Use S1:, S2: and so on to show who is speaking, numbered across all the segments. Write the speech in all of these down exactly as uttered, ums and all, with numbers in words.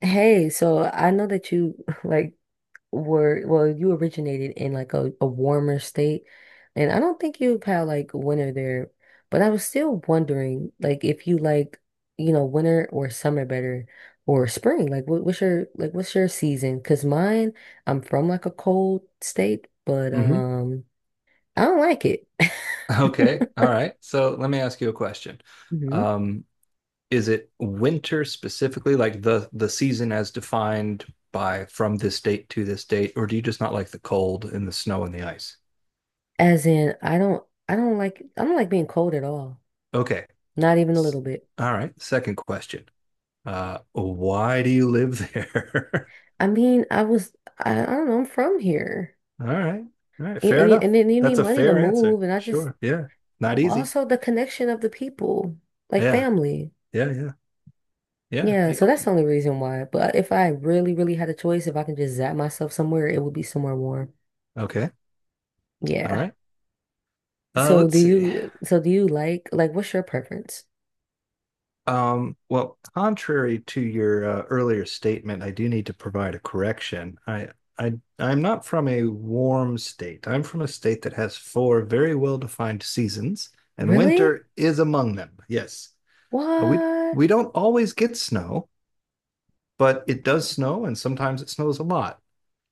S1: Hey, so I know that you like were well, you originated in like a, a warmer state, and I don't think you've had like winter there, but I was still wondering like if you like, you know, winter or summer better or spring. Like what, what's your like what's your season? 'Cause mine, I'm from like a cold state, but
S2: hmm
S1: um I don't like it.
S2: Okay. All right. So let me ask you a question.
S1: Mhm.
S2: Um, is it winter specifically, like the the season as defined by from this date to this date, or do you just not like the cold and the snow and the ice?
S1: As in I don't I don't like I don't like being cold at all.
S2: Okay.
S1: Not even a
S2: S-
S1: little bit.
S2: All right. Second question. Uh, why do you live there?
S1: I mean, I was, I, I don't know, I'm from here.
S2: All right. All right.
S1: Y-
S2: Fair
S1: And, you, and
S2: enough.
S1: then you need
S2: That's a
S1: money to
S2: fair answer.
S1: move. And I just,
S2: Sure. Yeah. Not
S1: oh, but
S2: easy.
S1: also the connection of the people, like
S2: Yeah.
S1: family.
S2: Yeah. Yeah. Yeah.
S1: Yeah,
S2: Hey,
S1: so that's the only reason why. But if I really, really had a choice, if I can just zap myself somewhere, it would be somewhere warm.
S2: okay. All
S1: Yeah.
S2: right. Uh,
S1: So do
S2: let's see.
S1: you, so do you like, like, what's your preference?
S2: Um, well, contrary to your uh, earlier statement, I do need to provide a correction. I, I, I'm not from a warm state. I'm from a state that has four very well-defined seasons, and
S1: Really?
S2: winter is among them. Yes, Uh, we
S1: What?
S2: we don't always get snow, but it does snow, and sometimes it snows a lot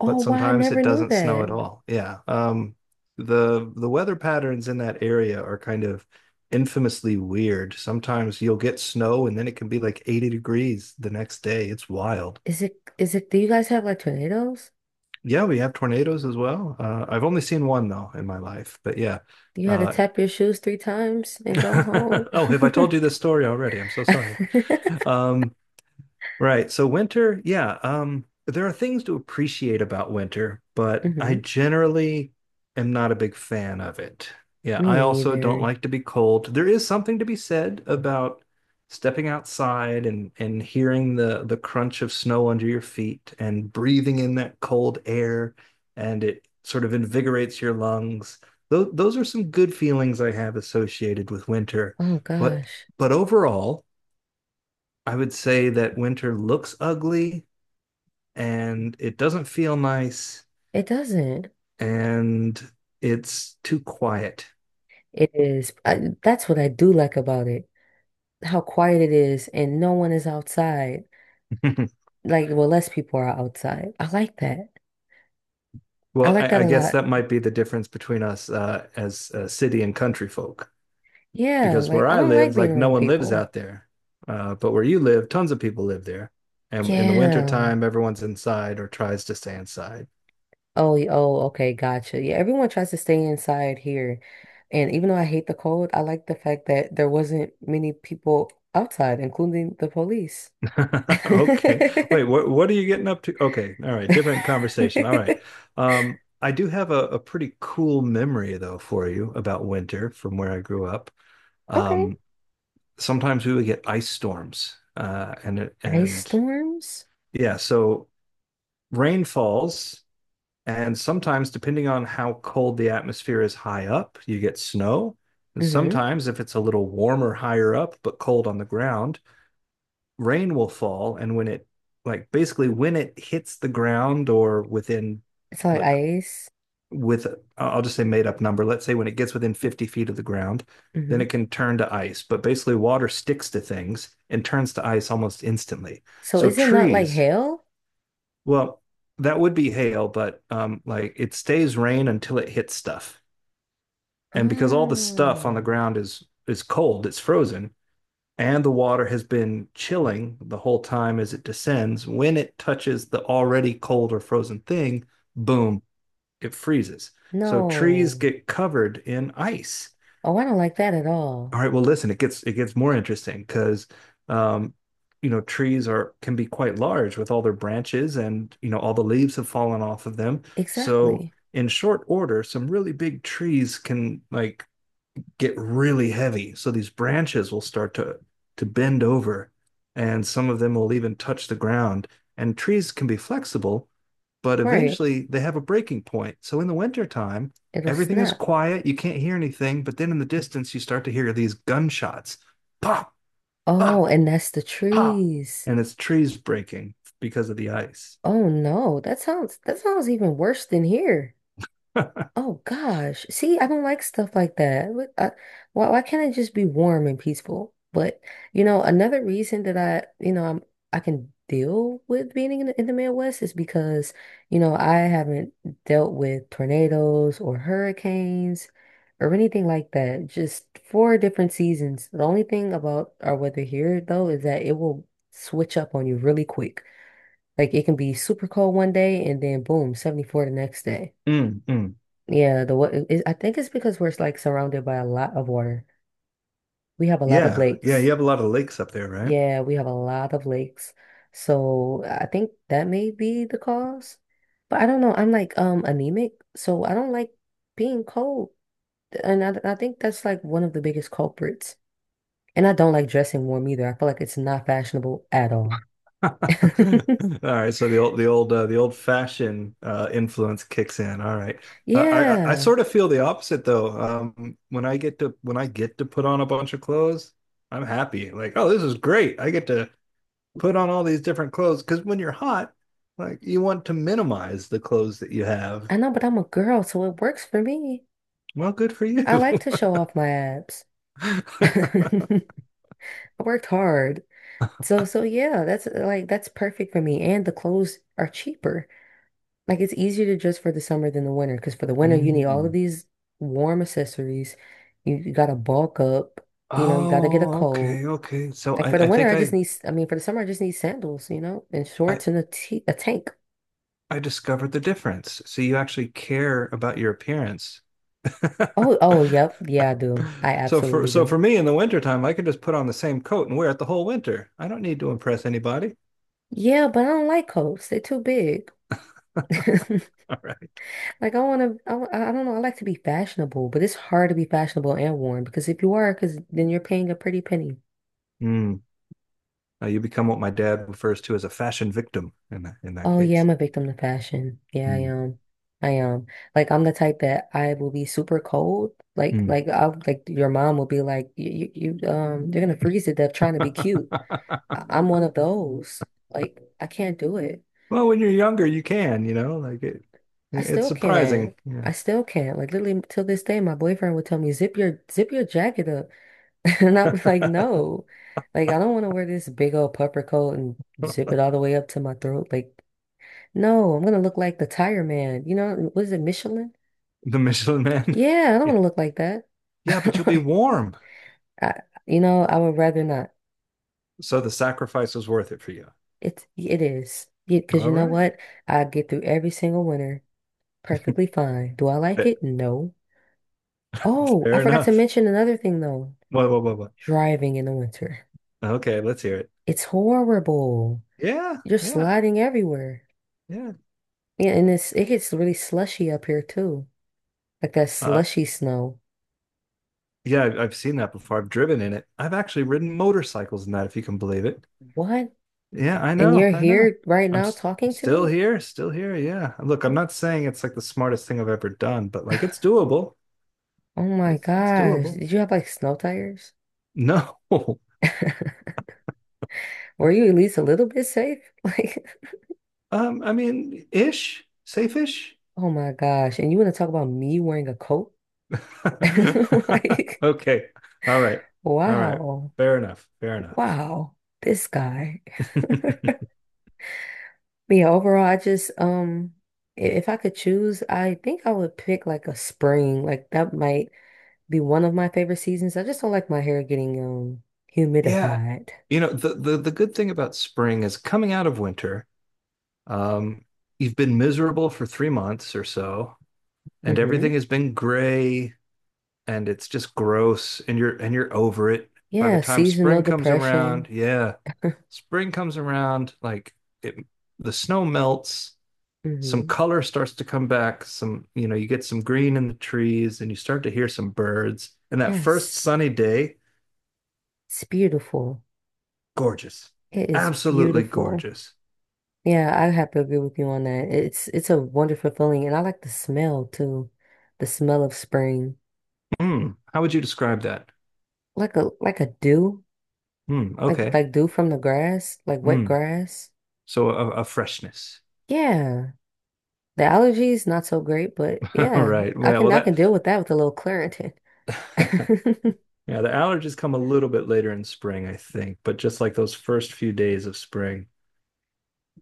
S1: Oh,
S2: but
S1: wow, I
S2: sometimes
S1: never
S2: it
S1: knew
S2: doesn't snow at
S1: that.
S2: all. Yeah. Um, the the weather patterns in that area are kind of infamously weird. Sometimes you'll get snow and then it can be like eighty degrees the next day. It's wild.
S1: Is it, is it, do you guys have like tornadoes?
S2: Yeah, we have tornadoes as well. Uh, I've only seen one though in my life, but yeah.
S1: You had to
S2: Uh,
S1: tap your shoes three times and go home.
S2: oh, have I told you this story already? I'm so sorry. Um, Right. So winter, yeah, um, there are things to appreciate about winter, but I
S1: Hmm.
S2: generally am not a big fan of it. Yeah, I
S1: Me
S2: also don't
S1: either.
S2: like to be cold. There is something to be said about stepping outside and and hearing the the crunch of snow under your feet and breathing in that cold air and it sort of invigorates your lungs. Those those are some good feelings I have associated with winter.
S1: Oh
S2: But
S1: gosh,
S2: but overall, I would say that winter looks ugly and it doesn't feel nice
S1: it doesn't.
S2: and it's too quiet.
S1: It is. I, that's what I do like about it. How quiet it is, and no one is outside. Like, well, less people are outside. I like that. I
S2: Well,
S1: like
S2: I,
S1: that a
S2: I guess
S1: lot.
S2: that might be the difference between us uh, as uh, city and country folk
S1: Yeah,
S2: because
S1: like
S2: where
S1: I
S2: I
S1: don't like
S2: live,
S1: being
S2: like no
S1: around
S2: one lives
S1: people.
S2: out there. Uh, but where you live, tons of people live there. And in the
S1: Yeah.
S2: wintertime, everyone's inside or tries to stay inside.
S1: Oh, y- oh, okay, gotcha. Yeah, everyone tries to stay inside here. And even though I hate the cold, I like the fact that there wasn't many people outside, including the police.
S2: Okay. Wait, what what are you getting up to? Okay. All right. Different conversation. All right. Um, I do have a, a pretty cool memory though for you about winter from where I grew up.
S1: Okay.
S2: Um, sometimes we would get ice storms. Uh, and it-
S1: Ice
S2: and
S1: storms?
S2: yeah, so rain falls, and sometimes depending on how cold the atmosphere is high up, you get snow. And
S1: Mm-hmm.
S2: sometimes if it's a little warmer higher up but cold on the ground, rain will fall and when it like basically when it hits the ground or within
S1: It's like ice.
S2: with I'll just say made up number, let's say when it gets within fifty feet of the ground, then
S1: Mm-hmm.
S2: it can turn to ice, but basically water sticks to things and turns to ice almost instantly,
S1: So
S2: so
S1: is it not like
S2: trees
S1: hail?
S2: well that would be hail, but um like it stays rain until it hits stuff, and because all the stuff on the
S1: Oh,
S2: ground is is cold, it's frozen, and the water has been chilling the whole time as it descends. When it touches the already cold or frozen thing, boom, it freezes. So trees
S1: no.
S2: get covered in ice.
S1: Oh, I don't like that at all.
S2: All right, well, listen, it gets it gets more interesting because, um, you know, trees are can be quite large with all their branches, and you know all the leaves have fallen off of them. So
S1: Exactly.
S2: in short order, some really big trees can like get really heavy. So these branches will start to to bend over, and some of them will even touch the ground. And trees can be flexible, but
S1: Right.
S2: eventually they have a breaking point. So in the wintertime,
S1: It'll
S2: everything is
S1: snap.
S2: quiet, you can't hear anything, but then in the distance you start to hear these gunshots. Pop,
S1: Oh,
S2: pop,
S1: and that's the
S2: pop.
S1: trees.
S2: And it's trees breaking because of the ice.
S1: Oh no, that sounds that sounds even worse than here. Oh gosh. See, I don't like stuff like that. Look, I, why why can't it just be warm and peaceful? But you know, another reason that I, you know, I'm I can deal with being in the, in the Midwest is because, you know, I haven't dealt with tornadoes or hurricanes or anything like that. Just four different seasons. The only thing about our weather here though is that it will switch up on you really quick. Like it can be super cold one day and then boom, seventy-four the next day.
S2: Mm, mm.
S1: Yeah, the what I think it's because we're like surrounded by a lot of water. We have a lot of
S2: Yeah, yeah, you
S1: lakes.
S2: have a lot of lakes up there, right?
S1: Yeah, we have a lot of lakes. So I think that may be the cause. But I don't know. I'm like um anemic, so I don't like being cold. And I, I think that's like one of the biggest culprits. And I don't like dressing warm either. I feel like it's not fashionable at all.
S2: All right, so the old the old uh, the old fashioned uh, influence kicks in. All right, uh, I I I
S1: Yeah,
S2: sort of feel the opposite though. Um, when I get to when I get to put on a bunch of clothes, I'm happy. Like, oh, this is great. I get to put on all these different clothes because when you're hot, like you want to minimize the clothes that you have.
S1: I know, but I'm a girl, so it works for me.
S2: Well, good for you.
S1: I like to show off my abs. I worked hard. So so yeah, that's uh, like that's perfect for me. And the clothes are cheaper. Like it's easier to dress for the summer than the winter because for the winter you need all of
S2: Mm.
S1: these warm accessories. You, you gotta bulk up. You know, you gotta get a
S2: Oh,
S1: coat.
S2: okay, okay. So
S1: Like for
S2: I
S1: the
S2: I
S1: winter,
S2: think
S1: I just
S2: I
S1: need. s- I mean, for the summer, I just need sandals. You know, and
S2: I
S1: shorts and a t a tank.
S2: I discovered the difference. So you actually care about your appearance.
S1: Oh oh yep yeah I do. I
S2: So for
S1: absolutely
S2: so
S1: do.
S2: for me in the wintertime, I can just put on the same coat and wear it the whole winter. I don't need to impress anybody.
S1: Yeah, but I don't like coats. They're too big.
S2: All right.
S1: Like I want to, I, w- I don't know. I like to be fashionable, but it's hard to be fashionable and warm because if you are, because then you're paying a pretty penny.
S2: Mm. Now you become what my dad refers to as a fashion victim in that, in that
S1: Oh yeah,
S2: case.
S1: I'm a victim to fashion. Yeah, I
S2: Mm.
S1: am. I am. Like I'm the type that I will be super cold. Like
S2: Mm.
S1: like I like your mom will be like you you you, um you're gonna freeze to death trying to be cute. I- I'm one of those. Like I can't do it.
S2: Well, when you're younger, you can, you know, like it,
S1: I
S2: it's
S1: still can't.
S2: surprising. Yeah.
S1: I still can't. Like literally till this day, my boyfriend would tell me zip your zip your jacket up. And I was like, no, like I don't want to wear this big old puffer coat and zip it all the way up to my throat. Like, no, I'm gonna look like the tire man. You know, what is it, Michelin?
S2: The Michelin man.
S1: Yeah, I don't
S2: Yeah.
S1: want to look like that.
S2: Yeah, but you'll be warm.
S1: I, you know, I would rather not.
S2: So the sacrifice was worth it for you.
S1: It's it is because you
S2: All
S1: know
S2: right.
S1: what? I get through every single winter perfectly fine. Do I like it? No. Oh, I
S2: Fair
S1: forgot to
S2: enough.
S1: mention another thing though.
S2: What, what, what, what?
S1: Driving in the winter.
S2: Okay, let's hear it.
S1: It's horrible.
S2: Yeah,
S1: You're
S2: yeah,
S1: sliding everywhere.
S2: yeah.
S1: Yeah, and it's it gets really slushy up here too. Like that
S2: Uh,
S1: slushy snow.
S2: yeah, I've I've seen that before. I've driven in it. I've actually ridden motorcycles in that, if you can believe it.
S1: What?
S2: Yeah, I
S1: And
S2: know,
S1: you're
S2: I know.
S1: here right
S2: I'm
S1: now
S2: s
S1: talking to
S2: Still
S1: me?
S2: here, still here. Yeah. Look, I'm not saying it's like the smartest thing I've ever done, but like it's doable.
S1: Oh my
S2: It's it's
S1: gosh.
S2: doable.
S1: Did you have like snow tires?
S2: No.
S1: Were you at least a little bit safe? Like,
S2: Um, I mean, ish, safe-ish.
S1: oh my gosh. And you want to talk about me wearing a coat? Like,
S2: Okay. All right. All right.
S1: wow.
S2: Fair enough. Fair enough.
S1: Wow. This guy. Yeah, overall, I just um i- if I could choose, I think I would pick like a spring. Like that might be one of my favorite seasons. I just don't like my hair getting um
S2: Yeah.
S1: humidified.
S2: You know, the, the the good thing about spring is coming out of winter, um, you've been miserable for three months or so, and
S1: Mm-hmm.
S2: everything has been gray and it's just gross and you're and you're over it. By the
S1: Yeah,
S2: time
S1: seasonal
S2: spring comes around,
S1: depression.
S2: yeah. Spring comes around, like it the snow melts, some
S1: Mm-hmm.
S2: color starts to come back, some, you know, you get some green in the trees and you start to hear some birds. And that first
S1: Yes.
S2: sunny day,
S1: It's beautiful.
S2: gorgeous.
S1: It is
S2: Absolutely
S1: beautiful.
S2: gorgeous.
S1: Yeah, I have to agree with you on that. It's it's a wonderful feeling and I like the smell too. The smell of spring.
S2: Hmm. How would you describe that?
S1: Like a like a dew.
S2: Hmm.
S1: Like
S2: Okay.
S1: like dew from the grass, like wet
S2: Hmm.
S1: grass.
S2: So a, a freshness.
S1: Yeah. The allergies not so great, but
S2: All
S1: yeah,
S2: right.
S1: I
S2: Yeah,
S1: can
S2: well
S1: I
S2: that
S1: can deal with that with a little Claritin.
S2: yeah, the allergies come a little bit later in spring, I think, but just like those first few days of spring,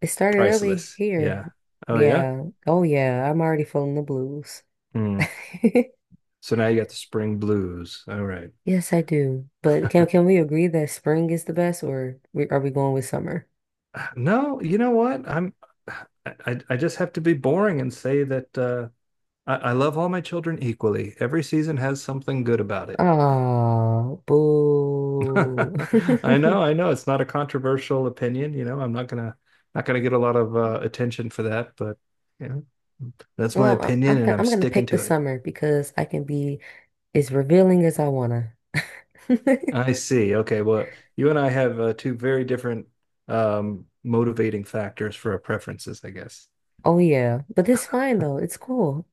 S1: It started early
S2: priceless.
S1: here.
S2: Yeah. Oh yeah?
S1: Yeah. Oh yeah, I'm already feeling the blues.
S2: Hmm. So now you got the spring blues. All right.
S1: Yes, I do. But can can we agree that spring is the best or we, are we going with summer?
S2: No, you know what? I'm I, I I just have to be boring and say that uh I, I love all my children equally. Every season has something good about it.
S1: Oh, boo.
S2: I know, I know. It's not a controversial opinion, you know. I'm not gonna Not gonna get a lot of uh, attention for that, but you know, that's my
S1: Well, I- I'm
S2: opinion, and
S1: go-
S2: I'm
S1: I'm gonna
S2: sticking
S1: pick the
S2: to it.
S1: summer because I can be as revealing as I wanna.
S2: I see. Okay, well, you and I have uh, two very different um, motivating factors for our preferences, I guess.
S1: Oh yeah, but it's fine though. It's cool.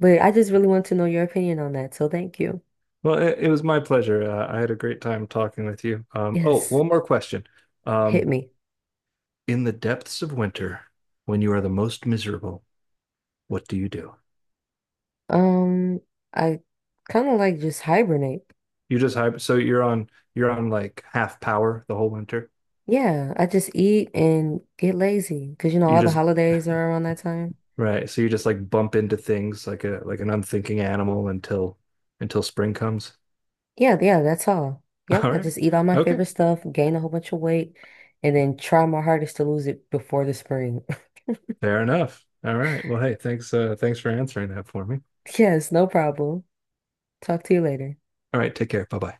S1: But I just really want to know your opinion on that, so thank you.
S2: Well, it, it was my pleasure. Uh, I had a great time talking with you. Um, oh,
S1: Yes,
S2: one more question.
S1: hit
S2: Um,
S1: me.
S2: in the depths of winter, when you are the most miserable, what do you do?
S1: Um, I kind of like just hibernate.
S2: You just hyper, so you're on you're on like half power the whole winter.
S1: Yeah, I just eat and get lazy because you know
S2: You
S1: all the
S2: just
S1: holidays are around that time.
S2: Right, so you just like bump into things like a like an unthinking animal until until spring comes.
S1: Yeah, yeah, that's all. Yep,
S2: All
S1: I
S2: right.
S1: just eat all my
S2: Okay.
S1: favorite stuff, gain a whole bunch of weight, and then try my hardest to lose it before the spring.
S2: Fair enough. All right. Well, hey, thanks uh thanks for answering that for me.
S1: Yes, no problem. Talk to you later.
S2: All right, take care. Bye-bye.